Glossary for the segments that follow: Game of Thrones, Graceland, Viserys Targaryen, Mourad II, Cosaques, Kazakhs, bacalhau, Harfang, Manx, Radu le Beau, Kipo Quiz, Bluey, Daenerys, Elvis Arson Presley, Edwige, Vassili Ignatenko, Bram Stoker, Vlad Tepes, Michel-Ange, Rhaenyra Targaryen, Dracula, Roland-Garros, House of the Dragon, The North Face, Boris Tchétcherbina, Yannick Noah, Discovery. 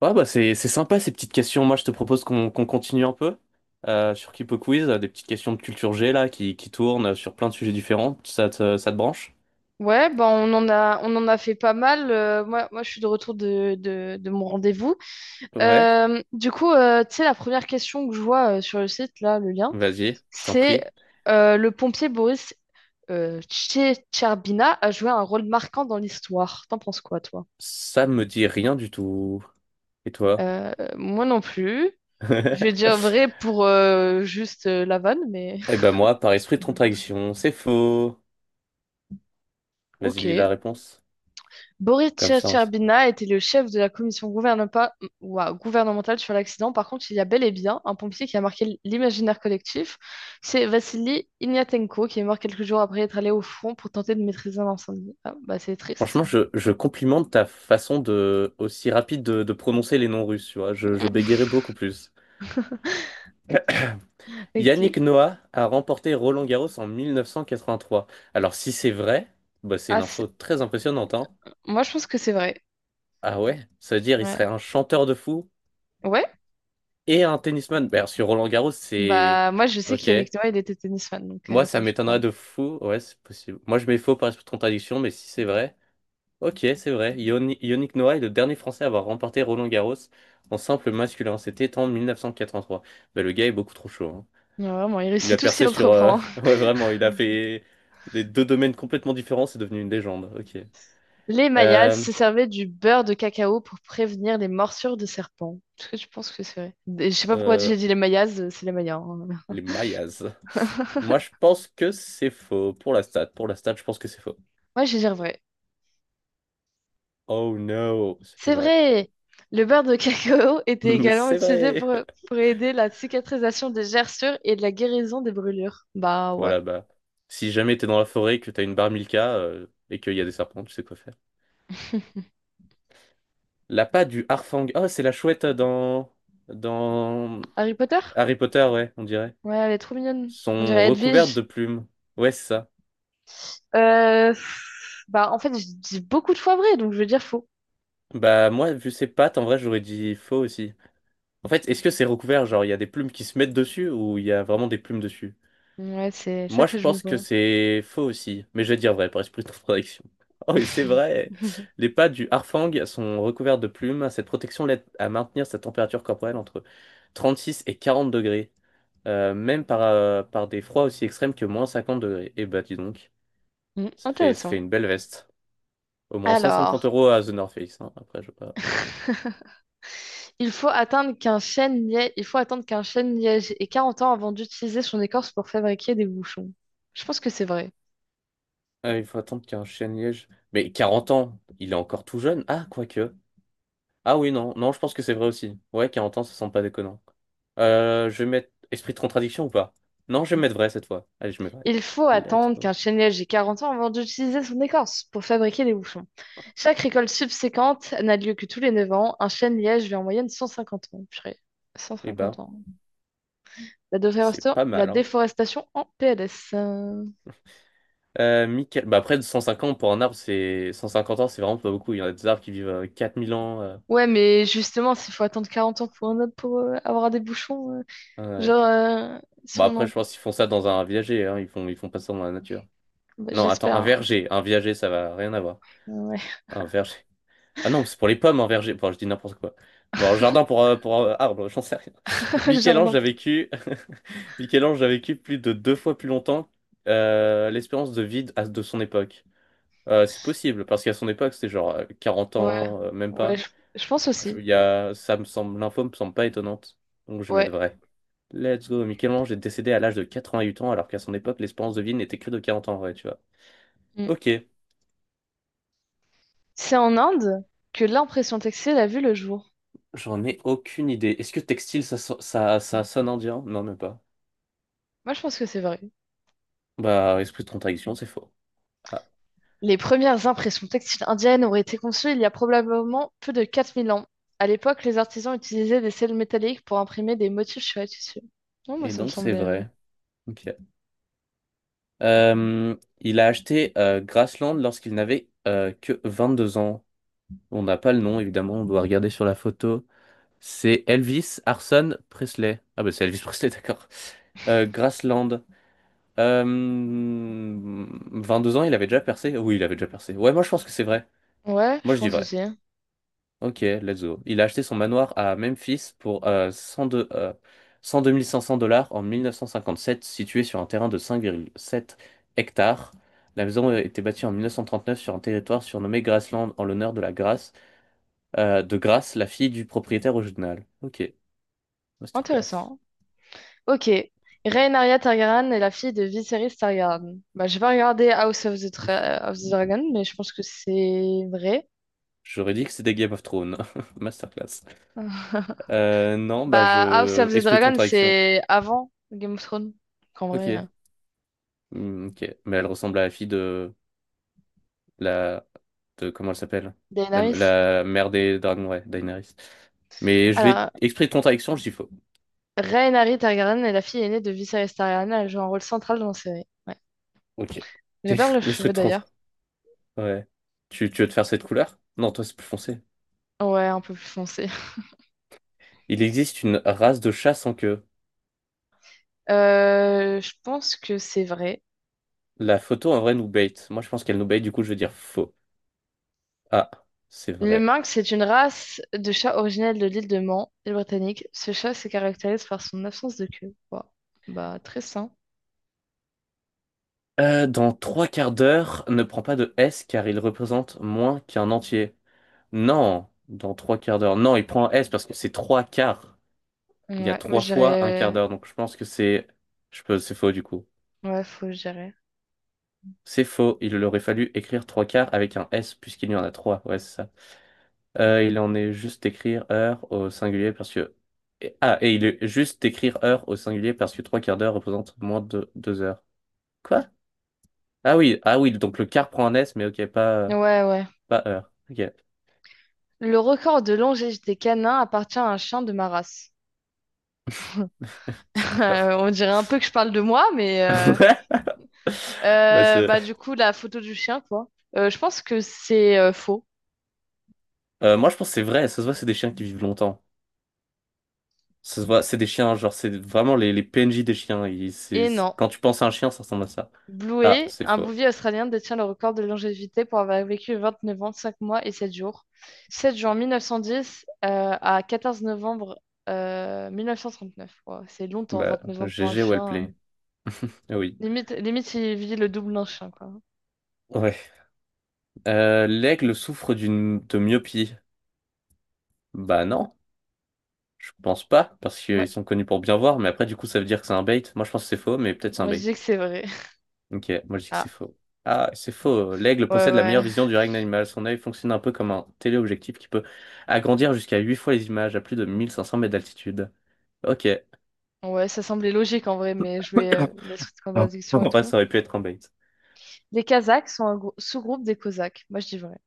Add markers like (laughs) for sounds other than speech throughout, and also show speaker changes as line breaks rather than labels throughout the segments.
Ouais, bah c'est sympa ces petites questions. Moi, je te propose qu'on continue un peu sur Kipo Quiz, des petites questions de culture G là qui tournent sur plein de sujets différents. Ça te branche?
Ouais, bah on en a fait pas mal. Moi, je suis de retour de mon rendez-vous.
Ouais.
Du coup, tu sais, la première question que je vois sur le site, là, le lien,
Vas-y, je t'en
c'est
prie.
le pompier Boris Tchétcherbina a joué un rôle marquant dans l'histoire. T'en penses quoi, toi?
Ça me dit rien du tout. Et toi?
Moi non plus. Je vais dire
(laughs)
vrai pour juste la vanne, mais
Eh ben moi, par esprit de contradiction, c'est faux.
(laughs)
Vas-y,
ok.
lis la réponse.
Boris
Comme ça. On s-
Tchertcherbina était le chef de la commission gouvernementale sur l'accident. Par contre, il y a bel et bien un pompier qui a marqué l'imaginaire collectif. C'est Vassili Ignatenko, qui est mort quelques jours après être allé au front pour tenter de maîtriser un incendie. Ah, bah c'est triste.
Franchement, je complimente ta façon de aussi rapide de prononcer les noms russes, tu vois. Je bégayerais
(laughs)
beaucoup plus. Yannick
Ok.
Noah a remporté Roland-Garros en 1983. Alors si c'est vrai, bah, c'est
Ah,
une info très impressionnante, hein.
moi, je pense que c'est vrai.
Ah ouais, ça veut dire il
Ouais.
serait un chanteur de fou
Ouais?
et un tennisman. Bah, sur Roland-Garros, c'est...
Bah, moi, je sais
Ok.
qu'Yannick Noah, il était tennisman, donc
Moi,
ça
ça
me choque pas.
m'étonnerait de fou. Ouais, c'est possible. Moi, je mets faux par contradiction, mais si c'est vrai... Ok, c'est vrai. Yoni- Yannick Noah est le dernier Français à avoir remporté Roland-Garros en simple masculin. C'était en 1983. Bah, le gars est beaucoup trop chaud, hein.
Ouais, vraiment, il
Il a
réussit tout ce qu'il
percé sur.
entreprend.
(laughs) Ouais, vraiment, il a fait des deux domaines complètement différents, c'est devenu une légende. Ok.
Les Mayas
Euh,
se servaient du beurre de cacao pour prévenir les morsures de serpents. Est-ce que tu penses que c'est vrai? Je sais pas pourquoi
euh,
j'ai dit les Mayas, c'est les Mayas, hein.
les Mayas. Moi, je pense que c'est faux. Pour la stat, je pense que c'est faux.
Ouais, je vais dire vrai.
Oh no, c'était
C'est
vrai.
vrai! Le beurre de cacao (laughs) était
(laughs)
également
C'est
utilisé
vrai.
pour aider la cicatrisation des gerçures et de la guérison des brûlures. Bah ouais.
Voilà, bah. Si jamais t'es dans la forêt, que t'as une bar Milka et qu'il y a des serpents, tu sais quoi faire.
(laughs)
La patte du Harfang. Oh, c'est la chouette dans. Dans
Harry Potter?
Harry Potter, ouais, on dirait.
Ouais, elle est trop mignonne. On
Sont
dirait
recouvertes
Edwige.
de plumes. Ouais, c'est ça.
Pff, bah en fait, je dis beaucoup de fois vrai, donc je vais dire faux.
Bah moi, vu ses pattes, en vrai, j'aurais dit faux aussi. En fait, est-ce que c'est recouvert? Genre, il y a des plumes qui se mettent dessus ou il y a vraiment des plumes dessus?
Ouais, c'est ça
Moi,
que
je
je me
pense que
pose.
c'est faux aussi, mais je vais dire vrai par esprit de contradiction. (laughs) Oh, et c'est vrai!
(laughs)
Les pattes du harfang sont recouvertes de plumes. Cette protection l'aide à maintenir sa température corporelle entre 36 et 40 degrés, même par des froids aussi extrêmes que moins 50 degrés. Et bah dis donc, ça fait
Intéressant.
une belle veste. Au moins 150
Alors.
euros à The North Face, hein. Après, je... sais pas.
Il faut attendre qu'un chêne liège ait 40 ans avant d'utiliser son écorce pour fabriquer des bouchons. Je pense que c'est vrai.
Ah, il faut attendre qu'il y ait un chêne-liège. Mais 40 ans, il est encore tout jeune. Ah, quoique. Ah oui, non, non, je pense que c'est vrai aussi. Ouais, 40 ans, ça semble pas déconnant. Je vais mettre esprit de contradiction ou pas? Non, je vais mettre vrai cette fois. Allez, je mets vrai.
Il faut
Let's
attendre qu'un
go.
chêne liège ait 40 ans avant d'utiliser son écorce pour fabriquer des bouchons. Chaque récolte subséquente n'a lieu que tous les 9 ans. Un chêne liège vit en moyenne 150 ans. Purée.
Et
150
bah,
ans. La
c'est
déforesta-
pas
la
mal, hein.
déforestation en PLS.
Michael... Bah après, de 150 ans, pour un arbre, c'est... 150 ans, c'est vraiment pas beaucoup. Il y en a des arbres qui vivent 4 000 ans.
Ouais, mais justement, s'il faut attendre 40 ans pour, un- pour avoir des bouchons,
Euh,
genre, si
Bah
on
après,
en...
je pense qu'ils font ça dans un viager, hein. Ils font pas ça dans la nature.
Bah,
Non, attends,
j'espère,
un
hein.
verger. Un viager, ça va rien avoir.
Ouais.
Un verger. Ah non, c'est pour les pommes en verger. Bon, je dis n'importe quoi. Bon, en jardin pour arbre, j'en sais rien.
(laughs)
(laughs)
Le
Michel-Ange
Jardin.
a vécu... (laughs) Michel-Ange a vécu plus de deux fois plus longtemps l'espérance de vie à- de son époque. C'est possible, parce qu'à son époque, c'était genre 40
Ouais,
ans, même
ouais,
pas.
je pense
Je-
aussi.
il y a... Ça me semble... L'info me semble pas étonnante. Donc je vais
Ouais.
mettre vrai. Let's go. Michel-Ange est décédé à l'âge de 88 ans, alors qu'à son époque, l'espérance de vie n'était que de 40 ans, ouais, tu vois.
Mm.
Ok.
C'est en Inde que l'impression textile a vu le jour.
J'en ai aucune idée. Est-ce que textile, so- ça sonne indien? Non, même pas.
Moi, je pense que c'est vrai.
Bah, esprit de contradiction, c'est faux. Ah,
Les premières impressions textiles indiennes auraient été conçues il y a probablement plus de 4 000 ans. À l'époque, les artisans utilisaient des sels métalliques pour imprimer des motifs sur les tissus. Non, moi,
et
ça me
donc c'est
semblait.
vrai. Ok. Euh, il a acheté Grassland lorsqu'il n'avait que deux ans. On n'a pas le nom, évidemment, on doit regarder sur la photo. C'est Elvis Arson Presley. Ah bah c'est Elvis Presley, (laughs) d'accord. Grassland. Euh, 22 ans, il avait déjà percé? Oui, il avait déjà percé. Ouais, moi je pense que c'est vrai.
Ouais,
Moi
je
je dis
pense
vrai.
aussi.
Ok, let's go. Il a acheté son manoir à Memphis pour cent deux mille cinq cents dollars en 1957, situé sur un terrain de cinq virgule sept hectares. La maison a été bâtie en 1939 sur un territoire surnommé Graceland en l'honneur de la Grace, de Grace, la fille du propriétaire original. Ok, masterclass.
Intéressant. Ok. Rhaenyra Targaryen est la fille de Viserys Targaryen. Bah, j'ai pas regardé House of the,
(laughs)
Tra- of the Dragon, mais je pense que c'est vrai.
J'aurais dit que c'était Game of Thrones. (laughs) Masterclass.
(laughs)
Non, bah
Bah, House
je...
of the
Esprit de
Dragon,
contradiction.
c'est avant Game of Thrones, qu'en vrai,
Ok. Hmm, ok. Mais elle ressemble à la fille de... la. De- comment elle s'appelle?
Daenerys.
La mère des dragons, ouais, Daenerys. Mais je vais,
Alors,
esprit de contradiction, je dis faux.
Rhaenyra Targaryen est la fille aînée de Viserys Targaryen. Elle joue un rôle central dans la série. Ouais.
Ok. C'est
J'adore le
(laughs) l'esprit
cheveux
de
d'ailleurs.
trente. Ouais. Tu veux te faire cette couleur? Non, toi, c'est plus foncé.
Ouais, un peu plus foncé.
Il existe une race de chat sans queue.
Je pense que c'est vrai.
La photo, en vrai, nous bait. Moi, je pense qu'elle nous bait, du coup, je vais dire faux. Ah, c'est
Le
vrai.
Manx c'est une race de chat originelle de l'île de Man, île britannique. Ce chat se caractérise par son absence de queue. Wow. Bah, très sain.
Dans trois quarts d'heure, ne prends pas de S car il représente moins qu'un entier. Non, dans trois quarts d'heure. Non, il prend un S parce que c'est trois quarts. Il y a
Ouais, moi
trois
je
fois un quart
dirais.
d'heure, donc je pense que c'est je peux... c'est faux du coup.
Ouais, faut que...
C'est faux, il aurait fallu écrire trois quarts avec un S puisqu'il y en a trois, ouais c'est ça. Il en est juste écrire heure au singulier parce que... et- Ah, et il est juste écrire heure au singulier parce que trois quarts d'heure représente moins de deux heures. Quoi? Ah oui, ah oui, donc le quart prend un S, mais ok, pas,
Ouais, ouais.
pas heure. Ok,
Le record de longévité des canins appartient à un chien de ma race.
(laughs)
(laughs)
d'accord.
On dirait un peu que je parle de moi, mais
(laughs) Bah, c'est-
bah du coup la photo du chien, quoi. Je pense que c'est faux.
moi je pense que c'est vrai, ça se voit, c'est des chiens qui vivent longtemps. Ça se voit, c'est des chiens, genre c'est vraiment les PNJ des chiens. Ils-
Et
c'est-
non.
Quand tu penses à un chien, ça ressemble à ça. Ah,
Bluey,
c'est
un
faux.
bouvier australien, détient le record de longévité pour avoir vécu 29 ans, 5 mois et 7 jours. 7 juin 1910, à 14 novembre, 1939. Ouais, c'est longtemps,
Bah,
29 ans pour un
GG, well
chien.
play. Ah oui.
Limite, limite il vit le double d'un chien, quoi.
Ouais. L'aigle souffre d'une de myopie. Bah non, je pense pas, parce
Ouais,
qu'ils sont connus pour bien voir, mais après du coup ça veut dire que c'est un bait. Moi je pense que c'est faux, mais peut-être c'est
on
un
m'a
bait.
dit que c'est vrai. (laughs)
Ok, moi je dis que c'est
Ah,
faux. Ah, c'est faux. L'aigle
ouais,
possède la
ouais.
meilleure vision du règne animal. Son œil fonctionne un peu comme un téléobjectif qui peut agrandir jusqu'à 8 fois les images à plus de 1 500 mètres d'altitude. Ok.
Ouais, ça semblait logique en vrai, mais je vais la suite de
Ah. En
contradiction et
vrai,
tout.
ça aurait pu être un bait.
Les Kazakhs sont un sous-groupe des Cosaques. Moi, je dis vrai.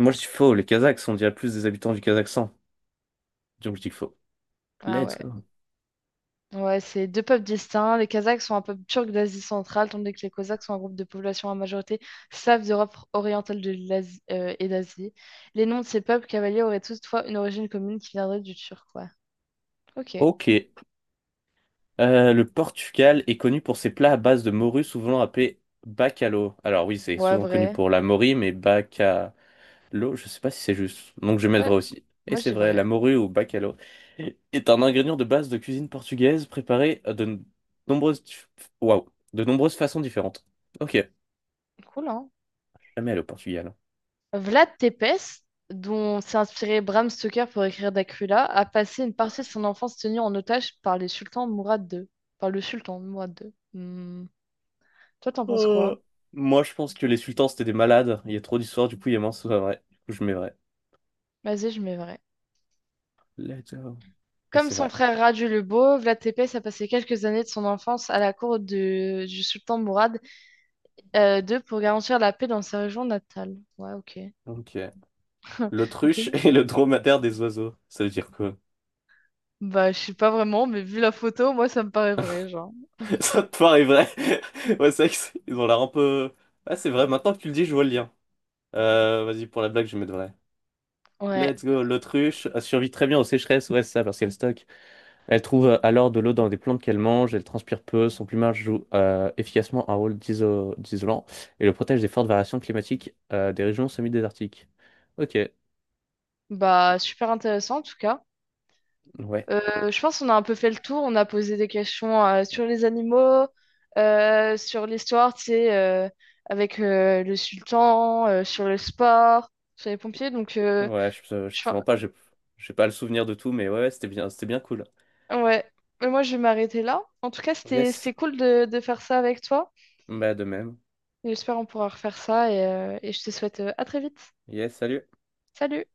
Moi, je dis faux. Les Kazakhs, on dirait plus des habitants du Kazakhstan. Donc, je dis faux.
Ah
Let's
ouais.
go.
Ouais, c'est deux peuples distincts. Les Kazakhs sont un peuple turc d'Asie centrale, tandis que les Cosaques sont un groupe de population à majorité slave d'Europe orientale et d'Asie. Les noms de ces peuples cavaliers auraient toutefois une origine commune qui viendrait du turc, ouais. Ok.
Ok. Le Portugal est connu pour ses plats à base de morue, souvent appelés bacalhau. Alors, oui, c'est
Ouais,
souvent connu
vrai.
pour la morue, mais bacalhau, je sais pas si c'est juste. Donc, je vais mettre
Ouais,
vrai aussi. Et
moi, je
c'est
dis
vrai,
vrai.
la morue ou bacalhau est un ingrédient de base de cuisine portugaise préparé de nombreuses, waouh, de nombreuses façons différentes. Ok.
Cool, hein?
Jamais allé au Portugal.
Vlad Tepes, dont s'est inspiré Bram Stoker pour écrire Dracula, a passé une partie de son enfance tenue en otage par les sultans Mourad II. Par le sultan Mourad II. Hmm. Toi, t'en penses quoi?
Euh, Moi, je pense que les sultans, c'était des malades. Il y a trop d'histoires, du coup, il y a moins, c'est pas vrai. Du coup, je mets vrai.
Vas-y, je mets vrai.
Let's go. Et
Comme
c'est
son
vrai.
frère Radu le Beau, Vlad Tepes a passé quelques années de son enfance à la cour du sultan Mourad II pour garantir la paix dans sa région natale. Ouais, ok.
Ok.
(laughs) Ok.
L'autruche (laughs) et le dromadaire des oiseaux. Ça veut dire quoi?
Bah, je sais pas vraiment, mais vu la photo, moi, ça me paraît vrai, genre.
(laughs) Ça te paraît vrai? (laughs) Ouais, c'est vrai que c'est- ils ont l'air un peu... Ah, c'est vrai, maintenant que tu le dis, je vois le lien. Vas-y, pour la blague, je vais mettre vrai.
Ouais.
Let's go. L'autruche a survécu très bien aux sécheresses. Ouais, c'est ça, parce qu'elle stocke. Elle trouve alors de l'eau dans des plantes qu'elle mange, elle transpire peu, son plumage joue efficacement un rôle d'iso- d'isolant et le protège des fortes variations climatiques des régions semi-désertiques. Ok,
Bah, super intéressant en tout cas.
ouais,
Je pense qu'on a un peu fait le tour. On a posé des questions sur les animaux, sur l'histoire, tu sais, avec le sultan, sur le sport, sur les pompiers. Donc,
ouais, je
je...
te
fin-
mens pas, j'ai pas le souvenir de tout, mais ouais, ouais, c'était bien cool.
ouais. Mais moi, je vais m'arrêter là. En tout cas, c'était
Yes,
c'était cool de faire ça avec toi.
bah de même.
J'espère qu'on pourra refaire ça et je te souhaite à très vite.
Yes, salut.
Salut!